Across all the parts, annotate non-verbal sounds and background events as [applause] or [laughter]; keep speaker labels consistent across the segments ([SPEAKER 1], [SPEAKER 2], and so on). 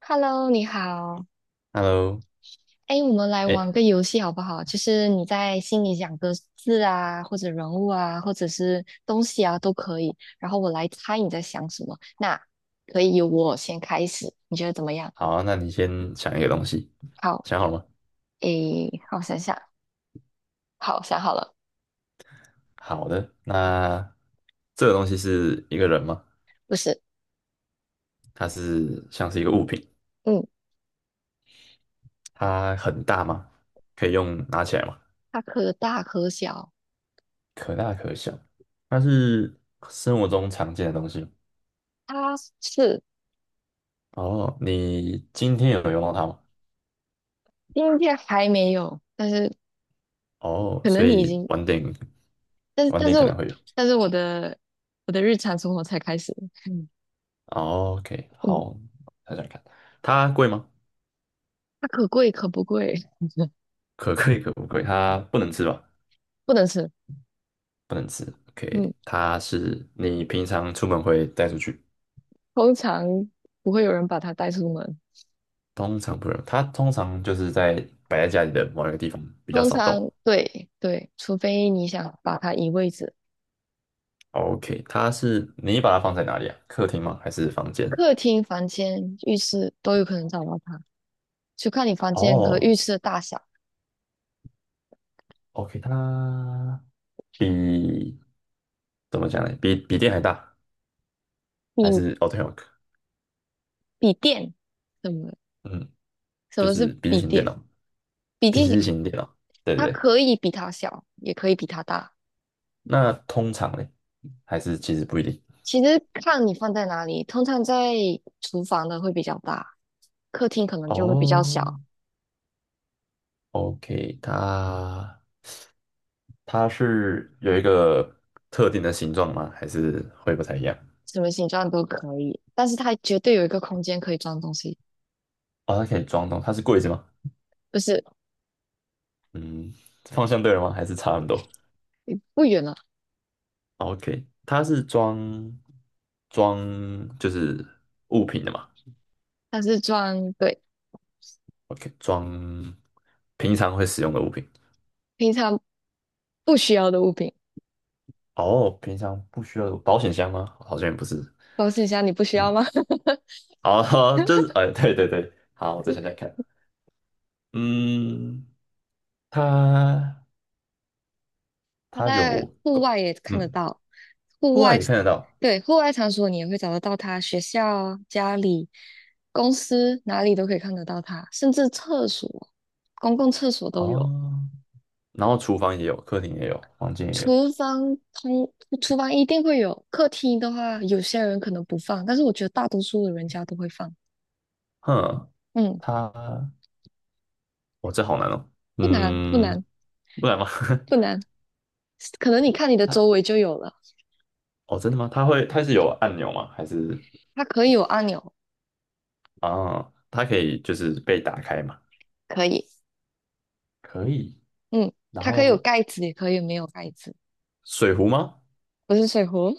[SPEAKER 1] Hello，你好。
[SPEAKER 2] Hello，
[SPEAKER 1] 哎，我们来
[SPEAKER 2] 哎，
[SPEAKER 1] 玩个游戏好不好？就是你在心里想个字啊，或者人物啊，或者是东西啊，都可以。然后我来猜你在想什么。那可以由我先开始，你觉得怎么样？
[SPEAKER 2] 好啊，那你先想一个东西，
[SPEAKER 1] 好，
[SPEAKER 2] 想好了吗？
[SPEAKER 1] 哎，让我想想。好，想好了。
[SPEAKER 2] 好的，那这个东西是一个人吗？
[SPEAKER 1] 不是，
[SPEAKER 2] 它是像是一个物品，
[SPEAKER 1] 嗯，
[SPEAKER 2] 它很大吗？可以用拿起来吗？
[SPEAKER 1] 它可大可小，
[SPEAKER 2] 可大可小，它是生活中常见的东西吗？
[SPEAKER 1] 它是
[SPEAKER 2] 哦，你今天有用到它吗？
[SPEAKER 1] 今天还没有，但是
[SPEAKER 2] 哦，
[SPEAKER 1] 可
[SPEAKER 2] 所
[SPEAKER 1] 能你已
[SPEAKER 2] 以
[SPEAKER 1] 经，
[SPEAKER 2] 晚点
[SPEAKER 1] 但是
[SPEAKER 2] 晚
[SPEAKER 1] 但
[SPEAKER 2] 点
[SPEAKER 1] 是
[SPEAKER 2] 可能会有。
[SPEAKER 1] 但是我的日常生活才开始。[laughs] 嗯
[SPEAKER 2] 哦，OK，好，
[SPEAKER 1] 嗯，
[SPEAKER 2] 想想看，它贵吗？
[SPEAKER 1] 它可贵可不贵，[laughs]
[SPEAKER 2] 可贵可不贵？它不能吃吧？
[SPEAKER 1] 不能吃。
[SPEAKER 2] 不能吃。
[SPEAKER 1] 嗯，
[SPEAKER 2] OK，它是你平常出门会带出去，
[SPEAKER 1] 通常不会有人把它带出门。
[SPEAKER 2] 通常不能。它通常就是在摆在家里的某一个地方，比较
[SPEAKER 1] 通
[SPEAKER 2] 少动。
[SPEAKER 1] 常对对，除非你想把它移位置，
[SPEAKER 2] OK，它是你把它放在哪里啊？客厅吗？还是房间？
[SPEAKER 1] 客厅、房间、浴室都有可能找到它，就看你房间和浴
[SPEAKER 2] 哦
[SPEAKER 1] 室的大小。
[SPEAKER 2] ，OK，比怎么讲呢？比电还大，还
[SPEAKER 1] 你
[SPEAKER 2] 是哦对，t o
[SPEAKER 1] 笔电，什么
[SPEAKER 2] 嗯，
[SPEAKER 1] 什
[SPEAKER 2] 就
[SPEAKER 1] 么是
[SPEAKER 2] 是笔记
[SPEAKER 1] 笔
[SPEAKER 2] 型电
[SPEAKER 1] 电？
[SPEAKER 2] 脑，
[SPEAKER 1] 笔
[SPEAKER 2] 笔
[SPEAKER 1] 记
[SPEAKER 2] 记型电脑，对对
[SPEAKER 1] 它
[SPEAKER 2] 对。
[SPEAKER 1] 可以比它小，也可以比它大。
[SPEAKER 2] 那通常嘞，还是其实不一定。
[SPEAKER 1] 其实看你放在哪里，通常在厨房的会比较大，客厅可能就会比较
[SPEAKER 2] 哦
[SPEAKER 1] 小，
[SPEAKER 2] ，OK，它是有一个特定的形状吗？还是会不太一样？
[SPEAKER 1] 什么形状都可以，但是它绝对有一个空间可以装东西，
[SPEAKER 2] 哦，它可以装东，它是柜子吗？
[SPEAKER 1] 不是。
[SPEAKER 2] 嗯，方向对了吗？还是差很多
[SPEAKER 1] 不远了，
[SPEAKER 2] ？OK，它是装就是物品的嘛
[SPEAKER 1] 它是装对，
[SPEAKER 2] ？OK，装平常会使用的物品。
[SPEAKER 1] 平常不需要的物品。
[SPEAKER 2] 哦，平常不需要有保险箱吗？好像也不是。
[SPEAKER 1] 保险箱你不需要
[SPEAKER 2] 嗯，
[SPEAKER 1] 吗？[laughs]
[SPEAKER 2] 哦，[laughs] 就是哎，对对对，好，我再想想看。嗯，它
[SPEAKER 1] 它
[SPEAKER 2] 它
[SPEAKER 1] 在
[SPEAKER 2] 有，
[SPEAKER 1] 户外也看得
[SPEAKER 2] 嗯，
[SPEAKER 1] 到，户
[SPEAKER 2] 户外
[SPEAKER 1] 外
[SPEAKER 2] 也看得到。
[SPEAKER 1] 对，户外场所你也会找得到它，学校啊家里、公司哪里都可以看得到它，甚至厕所、公共厕所都有。
[SPEAKER 2] 哦，然后厨房也有，客厅也有，房间也有。
[SPEAKER 1] 厨房通，厨房一定会有，客厅的话，有些人可能不放，但是我觉得大多数的人家都会放。
[SPEAKER 2] 哼，
[SPEAKER 1] 嗯，
[SPEAKER 2] 它，哦，这好难哦。
[SPEAKER 1] 不难，不
[SPEAKER 2] 嗯，
[SPEAKER 1] 难，
[SPEAKER 2] 不然吗？
[SPEAKER 1] 不难，可能你看你
[SPEAKER 2] [laughs]
[SPEAKER 1] 的
[SPEAKER 2] 它，
[SPEAKER 1] 周围就有了。
[SPEAKER 2] 哦，真的吗？它会，它是有按钮吗？还是
[SPEAKER 1] 它可以有按钮，
[SPEAKER 2] 啊，它可以就是被打开吗？
[SPEAKER 1] 可以，
[SPEAKER 2] 可以。
[SPEAKER 1] 嗯，
[SPEAKER 2] 然
[SPEAKER 1] 它可以有
[SPEAKER 2] 后
[SPEAKER 1] 盖子，也可以没有盖子。
[SPEAKER 2] 水壶吗？
[SPEAKER 1] 不是水壶，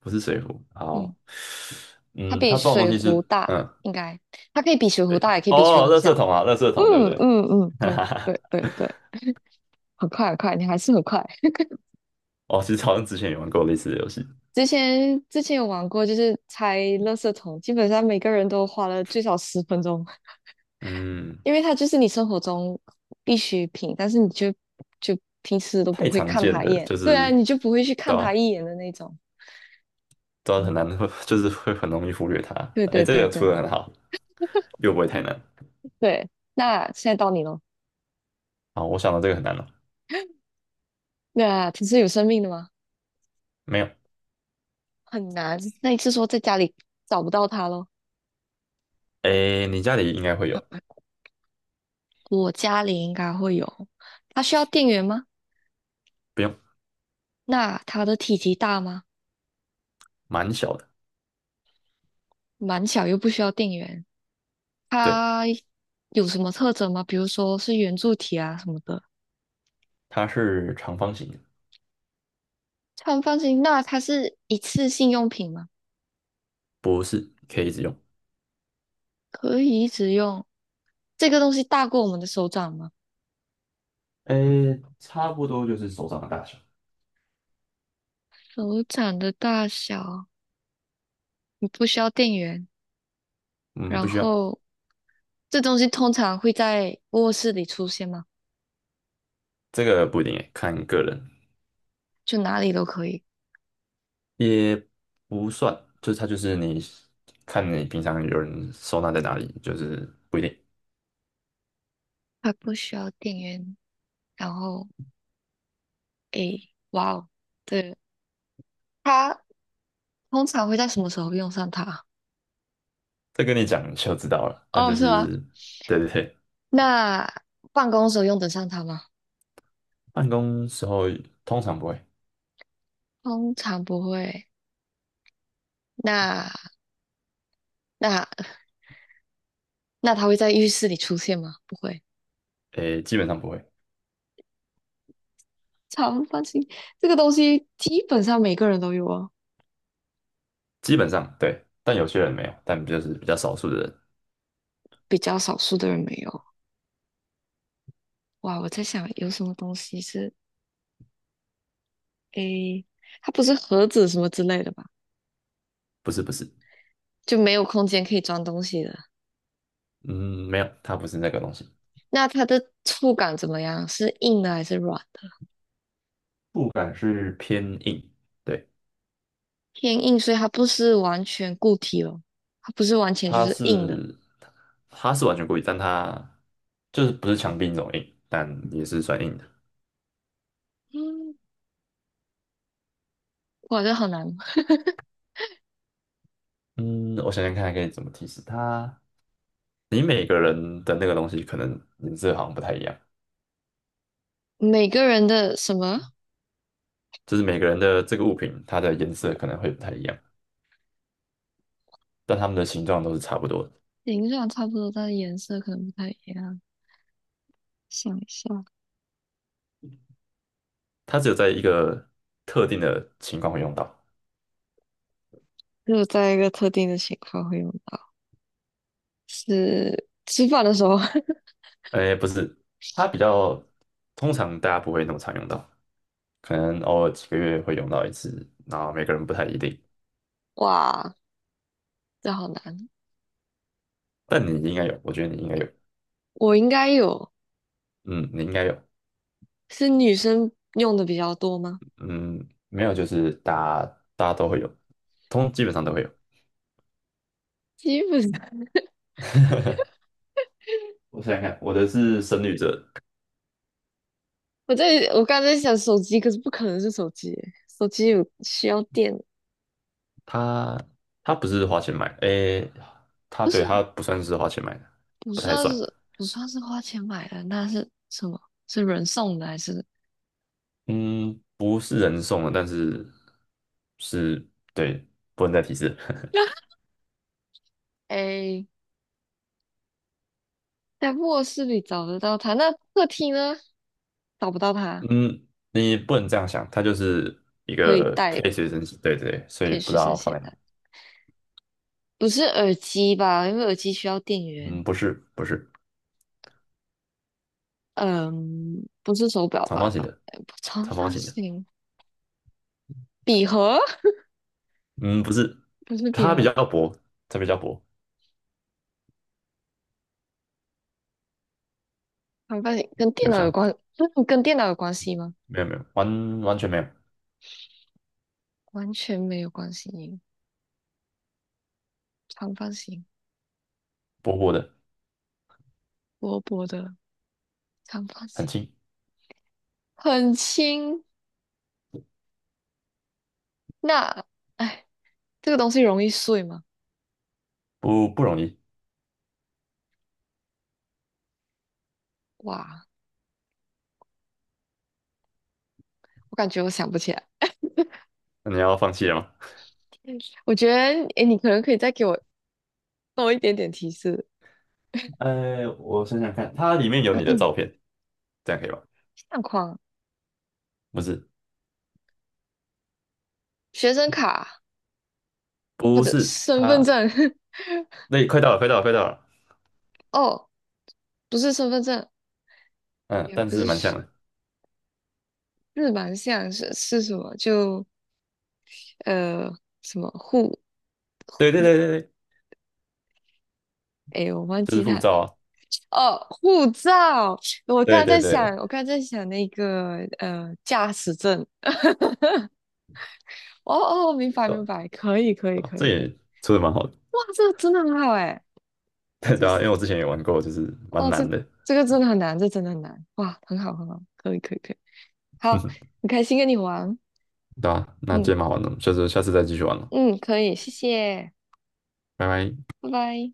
[SPEAKER 2] 不是水壶。
[SPEAKER 1] [laughs] 嗯，
[SPEAKER 2] 好，
[SPEAKER 1] 它
[SPEAKER 2] 嗯，
[SPEAKER 1] 比
[SPEAKER 2] 它装的
[SPEAKER 1] 水
[SPEAKER 2] 东西是，
[SPEAKER 1] 壶大，
[SPEAKER 2] 嗯，
[SPEAKER 1] 应该，它可以比水壶大，也可以比水
[SPEAKER 2] 哦，
[SPEAKER 1] 壶
[SPEAKER 2] 垃圾
[SPEAKER 1] 小。
[SPEAKER 2] 桶啊，垃圾桶，对不
[SPEAKER 1] 嗯
[SPEAKER 2] 对？
[SPEAKER 1] 嗯嗯，
[SPEAKER 2] [laughs] 哈
[SPEAKER 1] 对
[SPEAKER 2] 哈哈。
[SPEAKER 1] 对对对，很快很快，你还是很快。
[SPEAKER 2] 哦，其实好像之前也玩过类似的游戏。
[SPEAKER 1] 之前有玩过，就是拆垃圾桶，基本上每个人都花了最少10分钟。
[SPEAKER 2] 嗯，
[SPEAKER 1] 因为它就是你生活中必需品，但是你就平时都不
[SPEAKER 2] 太
[SPEAKER 1] 会
[SPEAKER 2] 常
[SPEAKER 1] 看
[SPEAKER 2] 见
[SPEAKER 1] 它一
[SPEAKER 2] 了，
[SPEAKER 1] 眼，
[SPEAKER 2] 就
[SPEAKER 1] 对啊，
[SPEAKER 2] 是，
[SPEAKER 1] 你就不会去
[SPEAKER 2] 对
[SPEAKER 1] 看
[SPEAKER 2] 啊，
[SPEAKER 1] 它一眼的那种。
[SPEAKER 2] 的很难，[laughs] 就是会很容易忽略它。
[SPEAKER 1] 对
[SPEAKER 2] 哎，
[SPEAKER 1] 对
[SPEAKER 2] 这
[SPEAKER 1] 对
[SPEAKER 2] 个出
[SPEAKER 1] 对
[SPEAKER 2] 的很好，又不会太难。
[SPEAKER 1] 对，那现在到你咯。
[SPEAKER 2] 啊！我想到这个很难了，
[SPEAKER 1] 那它是有生命的吗？
[SPEAKER 2] 没有。
[SPEAKER 1] 很难。那你是说在家里找不到它咯？
[SPEAKER 2] 哎，你家里应该会有，
[SPEAKER 1] 我家里应该会有，它需要电源吗？
[SPEAKER 2] 不用，
[SPEAKER 1] 那它的体积大吗？
[SPEAKER 2] 蛮小的。
[SPEAKER 1] 蛮小又不需要电源。
[SPEAKER 2] 对，
[SPEAKER 1] 它有什么特征吗？比如说是圆柱体啊什么的。
[SPEAKER 2] 它是长方形的，
[SPEAKER 1] 它很放心。那它是一次性用品吗？
[SPEAKER 2] 不是，可以一直用。
[SPEAKER 1] 可以一直用。这个东西大过我们的手掌吗？
[SPEAKER 2] 哎，差不多就是手掌的大小。
[SPEAKER 1] 手掌的大小，你不需要电源。
[SPEAKER 2] 嗯，不
[SPEAKER 1] 然
[SPEAKER 2] 需要，
[SPEAKER 1] 后这东西通常会在卧室里出现吗？
[SPEAKER 2] 这个不一定诶，看个人，
[SPEAKER 1] 就哪里都可以，
[SPEAKER 2] 也不算，就是它就是你看你平常有人收纳在哪里，就是不一定。
[SPEAKER 1] 它不需要电源。然后，诶，哇哦，对，它通常会在什么时候用上它？
[SPEAKER 2] 这跟你讲你就知道了，但
[SPEAKER 1] 哦，
[SPEAKER 2] 就
[SPEAKER 1] 是吗？
[SPEAKER 2] 是对对对，
[SPEAKER 1] 那办公时候用得上它吗？
[SPEAKER 2] 办公时候通常不会，
[SPEAKER 1] 通常不会。那那 [laughs] 那它会在浴室里出现吗？不会。
[SPEAKER 2] 诶，基本上不会，
[SPEAKER 1] 长方形这个东西基本上每个人都有哦，
[SPEAKER 2] 基本上对，但有些人没有，但就是比较少数的人，
[SPEAKER 1] 比较少数的人没有。哇，我在想有什么东西是诶，它不是盒子什么之类的吧？
[SPEAKER 2] 不是不是，
[SPEAKER 1] 就没有空间可以装东西的。
[SPEAKER 2] 嗯，没有，它不是那个东西，
[SPEAKER 1] 那它的触感怎么样？是硬的还是软的？
[SPEAKER 2] 触感是偏硬，对，
[SPEAKER 1] 偏硬，所以它不是完全固体哦，它不是完全就
[SPEAKER 2] 它
[SPEAKER 1] 是硬的。
[SPEAKER 2] 是它它是完全故意，但它就是不是墙壁那种硬，但也是算硬的。
[SPEAKER 1] 嗯，哇，这好难。
[SPEAKER 2] 嗯，我想想看，可以怎么提示它？你每个人的那个东西可能颜色好像不太一样，
[SPEAKER 1] 每个人的什么
[SPEAKER 2] 就是每个人的这个物品，它的颜色可能会不太一样，但它们的形状都是差不多的。
[SPEAKER 1] 形状差不多，但是颜色可能不太一样。想一下，
[SPEAKER 2] 它只有在一个特定的情况会用到。
[SPEAKER 1] 只有在一个特定的情况会用到。是吃饭的时候，[laughs]
[SPEAKER 2] 哎，不是，它比较通常大家不会那么常用到，可能偶尔几个月会用到一次，然后每个人不太一定。
[SPEAKER 1] 哇，这好难。
[SPEAKER 2] 但你应该有，我觉得你应该有，
[SPEAKER 1] 我应该有，
[SPEAKER 2] 嗯，你应该有，
[SPEAKER 1] 是女生用的比较多吗？
[SPEAKER 2] 嗯，没有就是大家都会有，通基本上都会有。
[SPEAKER 1] 基本上
[SPEAKER 2] 我想想看，我的是深绿色，
[SPEAKER 1] [laughs] 我在我刚才在想手机，可是不可能是手机手机有需要电，
[SPEAKER 2] 它它不是花钱买的，诶，它
[SPEAKER 1] 不
[SPEAKER 2] 对
[SPEAKER 1] 是。
[SPEAKER 2] 它不算是花钱买的，
[SPEAKER 1] 不
[SPEAKER 2] 不太
[SPEAKER 1] 算
[SPEAKER 2] 算。
[SPEAKER 1] 是不算是花钱买的，那是什么？是人送的还是？
[SPEAKER 2] 嗯，不是人送的，但是是，对，不能再提示。[laughs]
[SPEAKER 1] [laughs] 哎，在卧室里找得到它，那客厅呢？找不到它，
[SPEAKER 2] 嗯，你不能这样想，它就是一
[SPEAKER 1] 可以
[SPEAKER 2] 个
[SPEAKER 1] 带，
[SPEAKER 2] 可以随身携，对对，所
[SPEAKER 1] 可
[SPEAKER 2] 以
[SPEAKER 1] 以
[SPEAKER 2] 不知
[SPEAKER 1] 随身
[SPEAKER 2] 道放
[SPEAKER 1] 携
[SPEAKER 2] 在哪。
[SPEAKER 1] 带。不是耳机吧？因为耳机需要电源。
[SPEAKER 2] 嗯，不是，不是，
[SPEAKER 1] 嗯，不是手表
[SPEAKER 2] 长
[SPEAKER 1] 吧？
[SPEAKER 2] 方形的，
[SPEAKER 1] 哎，不长
[SPEAKER 2] 长方
[SPEAKER 1] 方
[SPEAKER 2] 形的。
[SPEAKER 1] 形，笔盒
[SPEAKER 2] 嗯，不是，
[SPEAKER 1] 不是笔
[SPEAKER 2] 它比
[SPEAKER 1] 盒，
[SPEAKER 2] 较薄，它比较薄，
[SPEAKER 1] 长方形跟电
[SPEAKER 2] 有
[SPEAKER 1] 脑有
[SPEAKER 2] 香，
[SPEAKER 1] 关，[laughs] 嗯跟电脑有关系吗？
[SPEAKER 2] 没有没有，完全没有，
[SPEAKER 1] 完全没有关系。长方形，
[SPEAKER 2] 薄薄的，
[SPEAKER 1] 薄薄的长方
[SPEAKER 2] 很
[SPEAKER 1] 形，
[SPEAKER 2] 轻，
[SPEAKER 1] 很轻。那，哎，这个东西容易碎吗？
[SPEAKER 2] 不容易。
[SPEAKER 1] 哇，我感觉我想不起来。
[SPEAKER 2] 那你要放弃了吗？
[SPEAKER 1] 嗯我觉得，哎，你可能可以再给我多一点点提示。
[SPEAKER 2] 我想想看，它里面有你的照
[SPEAKER 1] [clears throat]
[SPEAKER 2] 片，这样可以吧？
[SPEAKER 1] 相框、
[SPEAKER 2] 不是，
[SPEAKER 1] 学生卡或
[SPEAKER 2] 不
[SPEAKER 1] 者
[SPEAKER 2] 是，
[SPEAKER 1] 身份
[SPEAKER 2] 它。
[SPEAKER 1] 证。[laughs]
[SPEAKER 2] 对，快到了，快到了，快到了。
[SPEAKER 1] 哦，不是身份证，
[SPEAKER 2] 嗯，
[SPEAKER 1] 也
[SPEAKER 2] 但
[SPEAKER 1] 不
[SPEAKER 2] 是蛮像
[SPEAKER 1] 是，
[SPEAKER 2] 的。
[SPEAKER 1] 日蛮像是什么？就呃什么护
[SPEAKER 2] 对对
[SPEAKER 1] 护，
[SPEAKER 2] 对对对，
[SPEAKER 1] 哎，我忘
[SPEAKER 2] 就
[SPEAKER 1] 记
[SPEAKER 2] 是
[SPEAKER 1] 它
[SPEAKER 2] 护照啊。
[SPEAKER 1] 哦，护照。我刚
[SPEAKER 2] 对
[SPEAKER 1] 才
[SPEAKER 2] 对
[SPEAKER 1] 在想，
[SPEAKER 2] 对，
[SPEAKER 1] 那个驾驶证。哦哦，明白
[SPEAKER 2] 对啊
[SPEAKER 1] 明白，可以可以
[SPEAKER 2] 对啊
[SPEAKER 1] 可
[SPEAKER 2] 这
[SPEAKER 1] 以可
[SPEAKER 2] 也
[SPEAKER 1] 以。
[SPEAKER 2] 出的蛮好的。
[SPEAKER 1] 哇，这个真的很好哎，
[SPEAKER 2] [laughs] 对
[SPEAKER 1] 这
[SPEAKER 2] 对啊，因为我之前也玩过，就是蛮
[SPEAKER 1] 哦，这
[SPEAKER 2] 难的。
[SPEAKER 1] 这个真的很难，这真的很难。哇，很好很好，可以可以可以。好，
[SPEAKER 2] [laughs]
[SPEAKER 1] 很开心跟你玩。
[SPEAKER 2] 对啊，那今
[SPEAKER 1] 嗯
[SPEAKER 2] 天蛮好玩的，下次下次再继续玩了，
[SPEAKER 1] 嗯，可以，谢谢，
[SPEAKER 2] 拜拜。
[SPEAKER 1] 拜拜。